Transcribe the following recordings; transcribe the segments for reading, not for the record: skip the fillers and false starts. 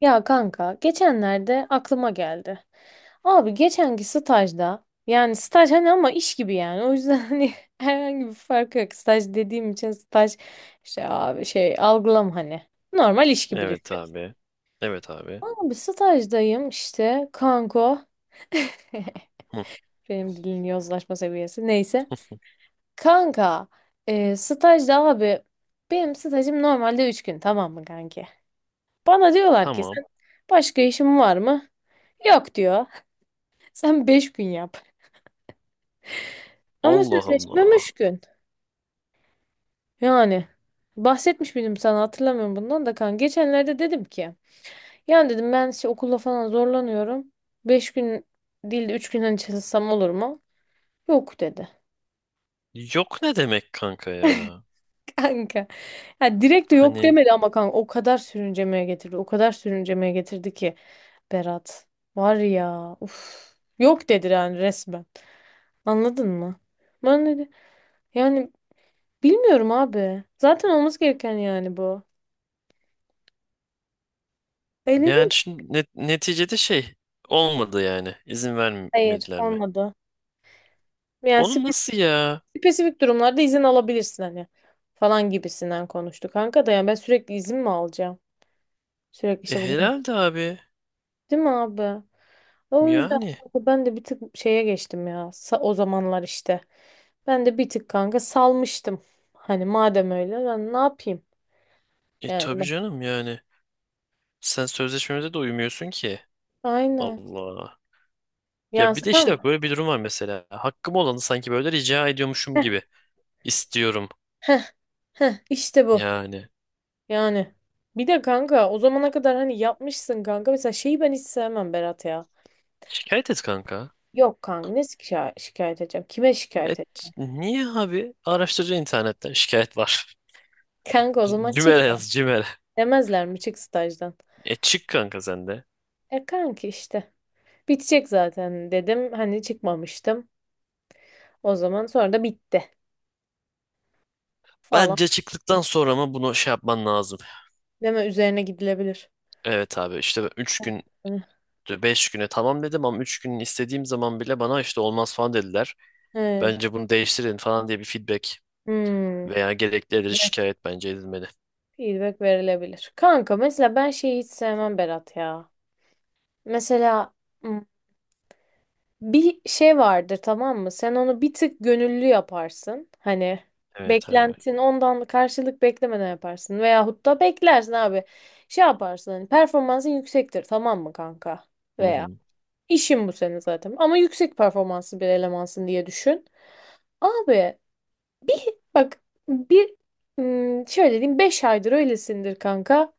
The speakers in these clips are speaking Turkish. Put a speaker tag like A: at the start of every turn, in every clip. A: Ya kanka geçenlerde aklıma geldi. Abi geçenki stajda yani staj hani ama iş gibi yani o yüzden hani herhangi bir farkı yok. Staj dediğim için staj işte abi şey algılam hani normal iş gibi
B: Evet
A: düşün.
B: abi. Evet abi.
A: Abi stajdayım işte kanko.
B: Hı,
A: Benim dilin yozlaşma seviyesi neyse. Kanka stajda abi benim stajım normalde 3 gün, tamam mı kanki? Bana diyorlar ki
B: tamam.
A: sen başka işin var mı? Yok diyor. Sen 5 gün yap. Ama
B: Allah
A: sözleşmem
B: Allah.
A: 3 gün. Yani bahsetmiş miydim sana hatırlamıyorum bundan da kan. Geçenlerde dedim ki yani dedim ben işte okulla falan zorlanıyorum. Beş gün değil de 3 günden çalışsam olur mu? Yok dedi.
B: Yok ne demek kanka ya?
A: Kanka. Ya direkt de yok
B: Hani
A: demedi ama kanka o kadar sürüncemeye getirdi. O kadar sürüncemeye getirdi ki Berat. Var ya. Uf. Yok dedi yani resmen. Anladın mı? Ben dedi yani bilmiyorum abi. Zaten olması gereken yani bu. Öyle değil
B: yani
A: mi?
B: şimdi neticede şey olmadı yani. İzin
A: Hayır,
B: vermediler mi?
A: olmadı. Yani
B: Oğlum
A: spesifik,
B: nasıl ya?
A: spesifik durumlarda izin alabilirsin hani falan gibisinden konuştuk kanka da yani ben sürekli izin mi alacağım? Sürekli
B: E
A: işte bugün,
B: herhalde abi.
A: değil mi abi? O yüzden
B: Yani.
A: kanka ben de bir tık şeye geçtim ya o zamanlar işte. Ben de bir tık kanka salmıştım. Hani madem öyle ben ne yapayım?
B: E
A: Yani
B: tabii
A: ben-
B: canım yani. Sen sözleşmemize de uymuyorsun ki.
A: Aynen.
B: Allah. Ya
A: Yani
B: bir de işte bak
A: tamam.
B: böyle bir durum var mesela. Hakkım olanı sanki böyle rica ediyormuşum
A: Heh,
B: gibi. İstiyorum.
A: heh, işte bu.
B: Yani.
A: Yani bir de kanka o zamana kadar hani yapmışsın kanka. Mesela şeyi ben hiç sevmem Berat ya.
B: Şikayet et kanka.
A: Yok kanka ne şikayet edeceğim? Kime şikayet edeceğim?
B: Evet, niye abi? Araştırca internetten şikayet var.
A: Kanka o zaman çık
B: Cimer'e
A: ya.
B: yaz Cimer'e.
A: Demezler mi çık stajdan?
B: E çık kanka sen de.
A: E kanki işte. Bitecek zaten dedim. Hani çıkmamıştım. O zaman sonra da bitti falan.
B: Bence çıktıktan sonra mı bunu şey yapman lazım.
A: Deme, üzerine gidilebilir.
B: Evet abi, işte 3 gün
A: Hani.
B: 5 güne tamam dedim ama 3 gün istediğim zaman bile bana işte olmaz falan dediler.
A: He.
B: Bence bunu değiştirin falan diye bir feedback
A: Hmm.
B: veya gerekli edilmiş
A: Feedback,
B: şikayet bence edilmeli.
A: feedback verilebilir. Kanka mesela ben şeyi hiç sevmem Berat ya. Mesela hmm, bir şey vardır, tamam mı? Sen onu bir tık gönüllü yaparsın. Hani
B: Evet abi.
A: beklentin ondan, karşılık beklemeden yaparsın. Veyahut da beklersin abi. Şey yaparsın hani, performansın yüksektir tamam mı kanka?
B: Hı
A: Veya
B: hı.
A: işin bu senin zaten. Ama yüksek performanslı bir elemansın diye düşün. Abi bak, bir şöyle diyeyim, 5 aydır öylesindir kanka.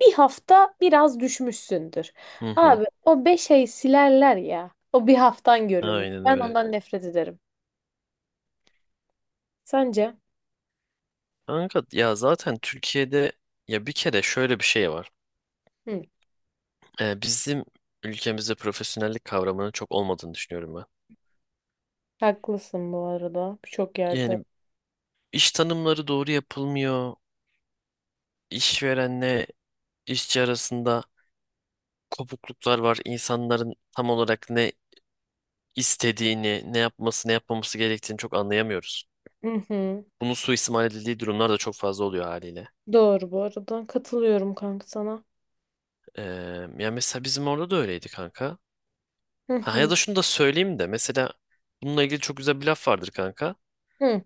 A: Bir hafta biraz düşmüşsündür.
B: Hı hı.
A: Abi o 5 ay silerler ya. O bir haftan görünür.
B: Aynen
A: Ben
B: öyle.
A: ondan nefret ederim. Sence?
B: Kanka ya, zaten Türkiye'de ya bir kere şöyle bir şey var.
A: Hı,
B: Bizim ülkemizde profesyonellik kavramının çok olmadığını düşünüyorum ben.
A: haklısın bu arada. Birçok yerde.
B: Yani iş tanımları doğru yapılmıyor. İşverenle işçi arasında kopukluklar var. İnsanların tam olarak ne istediğini, ne yapması, ne yapmaması gerektiğini çok anlayamıyoruz.
A: Hı hı.
B: Bunun suistimal edildiği durumlar da çok fazla oluyor haliyle.
A: Doğru bu arada. Katılıyorum kanka sana.
B: Ee, Yani mesela bizim orada da öyleydi kanka.
A: Hı
B: Ha, ya
A: hı.
B: da şunu da söyleyeyim de mesela bununla ilgili çok güzel bir laf vardır kanka.
A: Hı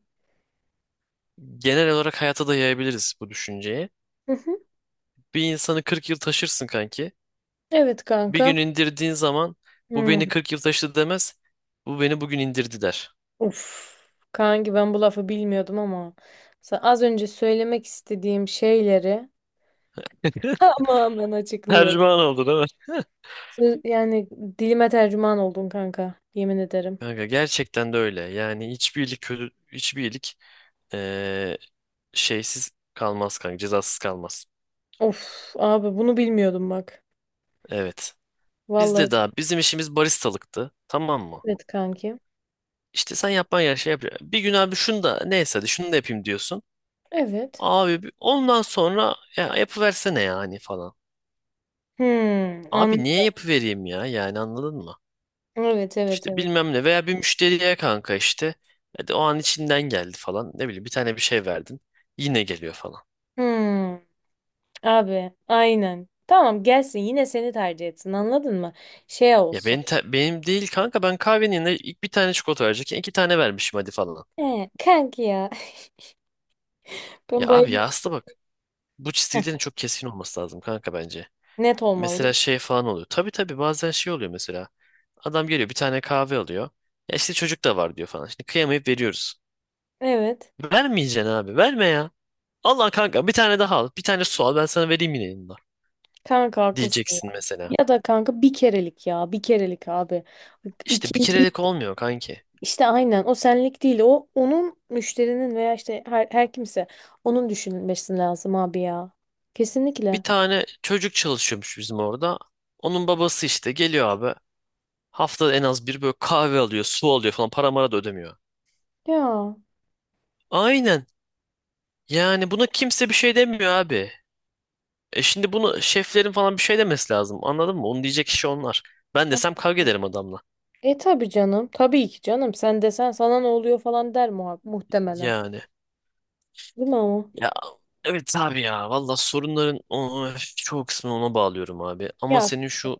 B: Genel olarak hayata da yayabiliriz bu düşünceyi.
A: hı. Hı.
B: Bir insanı 40 yıl taşırsın kanki.
A: Evet
B: Bir
A: kanka.
B: gün indirdiğin zaman bu
A: Hı.
B: beni 40 yıl taşıdı demez. Bu beni bugün indirdi der.
A: Uf. Kanki ben bu lafı bilmiyordum ama az önce söylemek istediğim şeyleri tamamen açıklıyor.
B: Tercüman oldu değil mi?
A: Yani dilime tercüman oldun kanka. Yemin ederim.
B: Kanka gerçekten de öyle. Yani hiçbir iyilik kötü, hiçbir iyilik eee, şeysiz kalmaz kanka, cezasız kalmaz.
A: Of abi, bunu bilmiyordum bak.
B: Evet. Bizde
A: Vallahi
B: daha bizim işimiz baristalıktı. Tamam mı?
A: evet kanki.
B: İşte sen yapman gereken şey yap. Bir gün abi şunu da neyse hadi şunu da yapayım diyorsun.
A: Evet.
B: Abi ondan sonra ya yapıversene yani falan.
A: Hmm,
B: Abi
A: an
B: niye yapıvereyim ya? Yani anladın mı?
A: evet evet
B: İşte
A: evet.
B: bilmem ne veya bir müşteriye kanka işte. Hadi o an içinden geldi falan. Ne bileyim bir tane bir şey verdin. Yine geliyor falan.
A: Hmm, Abi aynen. Tamam, gelsin yine seni tercih etsin, anladın mı? Şey
B: Ya
A: olsun.
B: benim değil kanka, ben kahvenin yerine ilk bir tane çikolata verecekken 2 tane vermişim hadi falan.
A: He, kanki ya.
B: Ya
A: Ben
B: abi
A: bayılıyorum.
B: ya, aslında bak bu çizgilerin çok keskin olması lazım kanka bence.
A: Net olmalı.
B: Mesela şey falan oluyor. Tabii tabii, bazen şey oluyor mesela. Adam geliyor bir tane kahve alıyor. Ya işte çocuk da var diyor falan. Şimdi kıyamayıp veriyoruz.
A: Evet.
B: Vermeyeceksin abi, verme ya. Allah kanka, bir tane daha al. Bir tane su al, ben sana vereyim yine yanında.
A: Kanka haklısın
B: Diyeceksin
A: ya.
B: mesela.
A: Ya da kanka bir kerelik ya. Bir kerelik abi.
B: İşte bir
A: İkinci
B: kerelik olmuyor kanki.
A: İşte aynen, o senlik değil, o onun müşterinin veya işte her kimse onun düşünülmesi lazım abi ya.
B: Bir
A: Kesinlikle.
B: tane çocuk çalışıyormuş bizim orada. Onun babası işte geliyor abi. Haftada en az bir böyle kahve alıyor, su alıyor falan. Para mara da ödemiyor.
A: Ya.
B: Aynen. Yani buna kimse bir şey demiyor abi. E şimdi bunu şeflerin falan bir şey demesi lazım. Anladın mı? Onu diyecek kişi onlar. Ben desem kavga ederim adamla.
A: E tabii canım. Tabii ki canım. Sen desen sana ne oluyor falan der muhtemelen.
B: Yani.
A: Değil mi ama?
B: Ya, evet abi ya. Valla sorunların çoğu kısmını ona bağlıyorum abi. Ama
A: Ya.
B: senin şu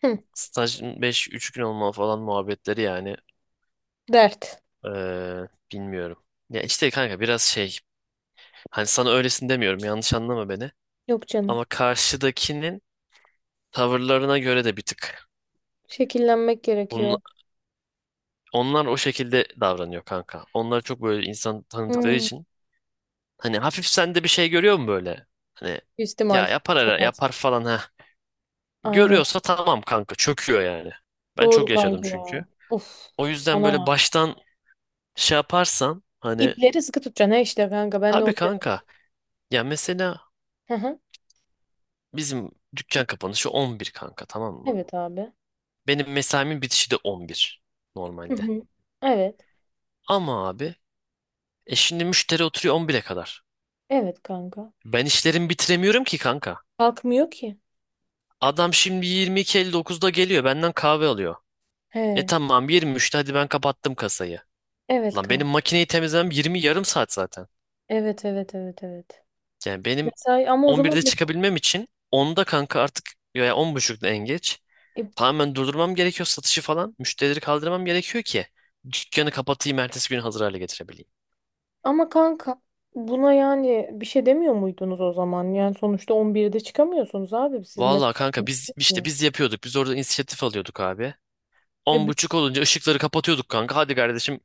A: Hı,
B: stajın beş üç gün olma falan muhabbetleri yani.
A: dert.
B: Bilmiyorum. Ya işte kanka biraz şey, hani sana öylesin demiyorum, yanlış anlama beni.
A: Yok canım.
B: Ama karşıdakinin tavırlarına göre de bir tık.
A: Şekillenmek
B: Bunun-
A: gerekiyor.
B: Onlar o şekilde davranıyor kanka. Onlar çok böyle insan tanıdıkları
A: Hmm.
B: için. Hani hafif sende bir şey görüyor mu böyle? Hani
A: İstimal.
B: ya yapar yapar falan ha.
A: Aynen.
B: Görüyorsa tamam kanka, çöküyor yani. Ben
A: Doğru
B: çok yaşadım
A: kanka
B: çünkü.
A: ya. Of.
B: O yüzden böyle
A: Ana.
B: baştan şey yaparsan hani
A: İpleri sıkı tutacaksın ha, işte kanka. Ben de
B: tabii
A: onu dedim.
B: kanka ya, mesela
A: Hı hı.
B: bizim dükkan kapanışı 11 kanka, tamam mı?
A: Evet abi.
B: Benim mesaimin bitişi de 11
A: Hı
B: normalde.
A: hı. Evet.
B: Ama abi şimdi müşteri oturuyor 11'e kadar.
A: Evet kanka.
B: Ben işlerimi bitiremiyorum ki kanka.
A: Kalkmıyor ki.
B: Adam şimdi 22:59'da geliyor benden kahve alıyor. E
A: He.
B: tamam, 23'te hadi ben kapattım kasayı.
A: Evet
B: Lan
A: kanka.
B: benim makineyi temizlemem 20 yarım saat zaten.
A: Evet, evet, evet, evet.
B: Yani benim
A: Mesai ama o zaman.
B: 11'de çıkabilmem için 10'da kanka, artık ya 10:30'da en geç.
A: E,
B: Tamamen durdurmam gerekiyor satışı falan. Müşterileri kaldırmam gerekiyor ki dükkanı kapatayım, ertesi gün hazır hale getirebileyim.
A: Ama kanka buna yani bir şey demiyor muydunuz o zaman? Yani sonuçta 11'de çıkamıyorsunuz abi siz
B: Vallahi
A: mesela.
B: kanka biz işte biz yapıyorduk. Biz orada inisiyatif alıyorduk abi.
A: E,
B: On
A: bi-
B: buçuk olunca ışıkları kapatıyorduk kanka. Hadi kardeşim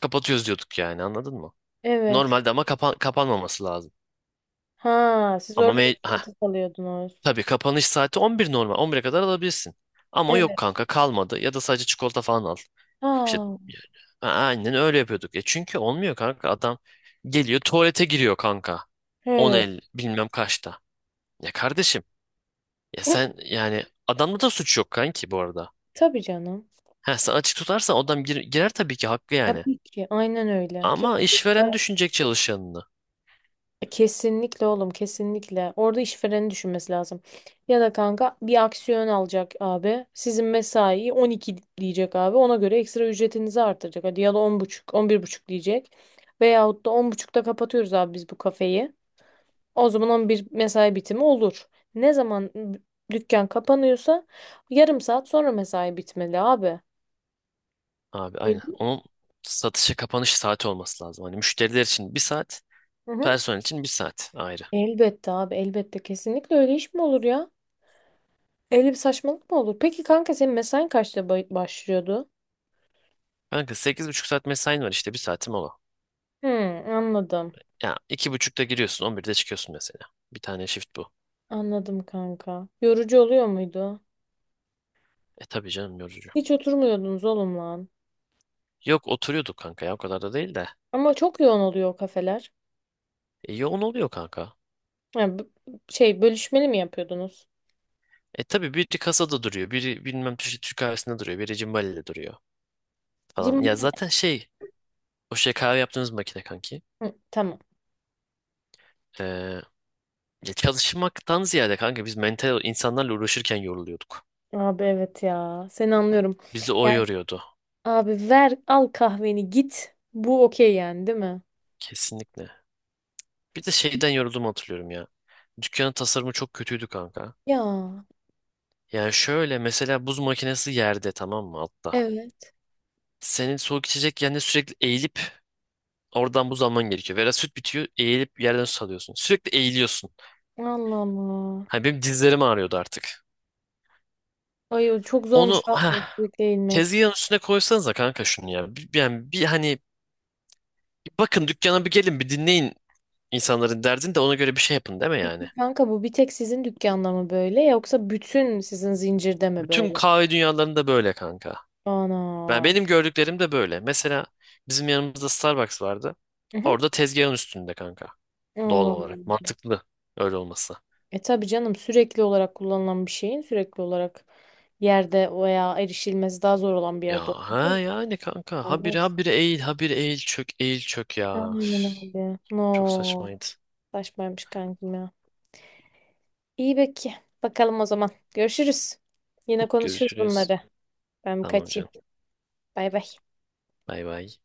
B: kapatıyoruz diyorduk yani, anladın mı?
A: evet.
B: Normalde ama kapanmaması lazım.
A: Ha siz
B: Ama
A: orada
B: me ha
A: inisiyatif alıyordunuz.
B: tabii kapanış saati 11 normal. 11'e kadar alabilirsin. Ama yok
A: Evet.
B: kanka, kalmadı ya da sadece çikolata falan al. İşte
A: Ha.
B: aynen öyle yapıyorduk. Ya çünkü olmuyor kanka, adam geliyor tuvalete giriyor kanka. 10
A: He.
B: bilmem kaçta. Ya kardeşim, ya
A: Hı,
B: sen yani adamda da suç yok kanki bu arada.
A: tabii canım.
B: Ha, sen açık tutarsan adam girer, tabii ki haklı yani.
A: Tabii ki, aynen öyle.
B: Ama işveren düşünecek çalışanını.
A: Kesinlikle oğlum, kesinlikle. Orada işvereni düşünmesi lazım. Ya da kanka bir aksiyon alacak abi. Sizin mesaiyi 12 diyecek abi. Ona göre ekstra ücretinizi artıracak. Hadi ya da 10.30, 11.30 diyecek. Veyahut da 10.30'da kapatıyoruz abi biz bu kafeyi. O zaman 11 mesai bitimi olur. Ne zaman dükkan kapanıyorsa 1/2 saat sonra mesai bitmeli abi.
B: Abi
A: Öyle
B: aynen.
A: değil
B: Onun satışa kapanış saati olması lazım. Hani müşteriler için bir saat,
A: mi? Hı hı.
B: personel için bir saat ayrı.
A: Elbette abi, elbette, kesinlikle, öyle iş mi olur ya? Öyle bir saçmalık mı olur? Peki kanka senin mesain kaçta başlıyordu?
B: Kanka 8,5 saat mesain var, işte bir saatim ola.
A: Hmm, anladım.
B: Ya 2:30'da giriyorsun 11'de çıkıyorsun mesela. Bir tane shift bu.
A: Anladım kanka. Yorucu oluyor muydu?
B: E tabii canım, yorucu.
A: Hiç oturmuyordunuz oğlum lan.
B: Yok oturuyorduk kanka ya, o kadar da değil de.
A: Ama çok yoğun oluyor o kafeler.
B: E, yoğun oluyor kanka.
A: Yani, şey bölüşmeli mi yapıyordunuz?
B: E tabii, biri kasada duruyor. Biri bilmem Türk kahvesinde duruyor. Biri cimbaliyle duruyor
A: Cim
B: falan. Ya zaten şey, o şey kahve yaptığımız makine kanki.
A: Hı, tamam.
B: Ee, Ya çalışmaktan ziyade kanka biz mental insanlarla uğraşırken yoruluyorduk.
A: Abi evet ya. Seni anlıyorum.
B: Bizi o
A: Yani
B: yoruyordu.
A: abi, ver al kahveni git. Bu okey yani, değil mi?
B: Kesinlikle. Bir de şeyden yorulduğumu hatırlıyorum ya. Dükkanın tasarımı çok kötüydü kanka.
A: Ya,
B: Yani şöyle mesela, buz makinesi yerde, tamam mı, altta.
A: evet.
B: Senin soğuk içecek yerine sürekli eğilip oradan buz alman gerekiyor. Veya süt bitiyor, eğilip yerden süt alıyorsun. Sürekli eğiliyorsun.
A: Allah Allah.
B: Hani benim dizlerim ağrıyordu artık.
A: Ay, o çok zormuş
B: Onu heh,
A: abi, sürekli inmek?
B: tezgahın üstüne koysanıza kanka şunu ya. Bir bakın dükkana, bir gelin, bir dinleyin, İnsanların derdini de ona göre bir şey yapın, değil mi yani?
A: Peki kanka, bu bir tek sizin dükkanda mı böyle yoksa bütün sizin zincirde mi
B: Bütün
A: böyle?
B: kahve dünyalarında böyle kanka. Ben
A: Ana.
B: benim gördüklerim de böyle. Mesela bizim yanımızda Starbucks vardı.
A: Hı hı.
B: Orada tezgahın üstünde kanka. Doğal
A: Allah.
B: olarak
A: Allah.
B: mantıklı öyle olması.
A: E tabii canım, sürekli olarak kullanılan bir şeyin sürekli olarak yerde veya erişilmesi daha zor olan bir
B: Ya
A: yerde olması
B: ha yani kanka, habire
A: olmaz.
B: habire eğil habire eğil çök eğil çök ya.
A: Aynen
B: Üf,
A: öyle.
B: çok
A: No.
B: saçmaydı.
A: Saçmaymış kankim ya. İyi peki. Bakalım o zaman. Görüşürüz. Yine konuşuruz
B: Görüşürüz.
A: bunları. Ben
B: Tamam
A: kaçayım.
B: canım.
A: Bay bay.
B: Bay bay.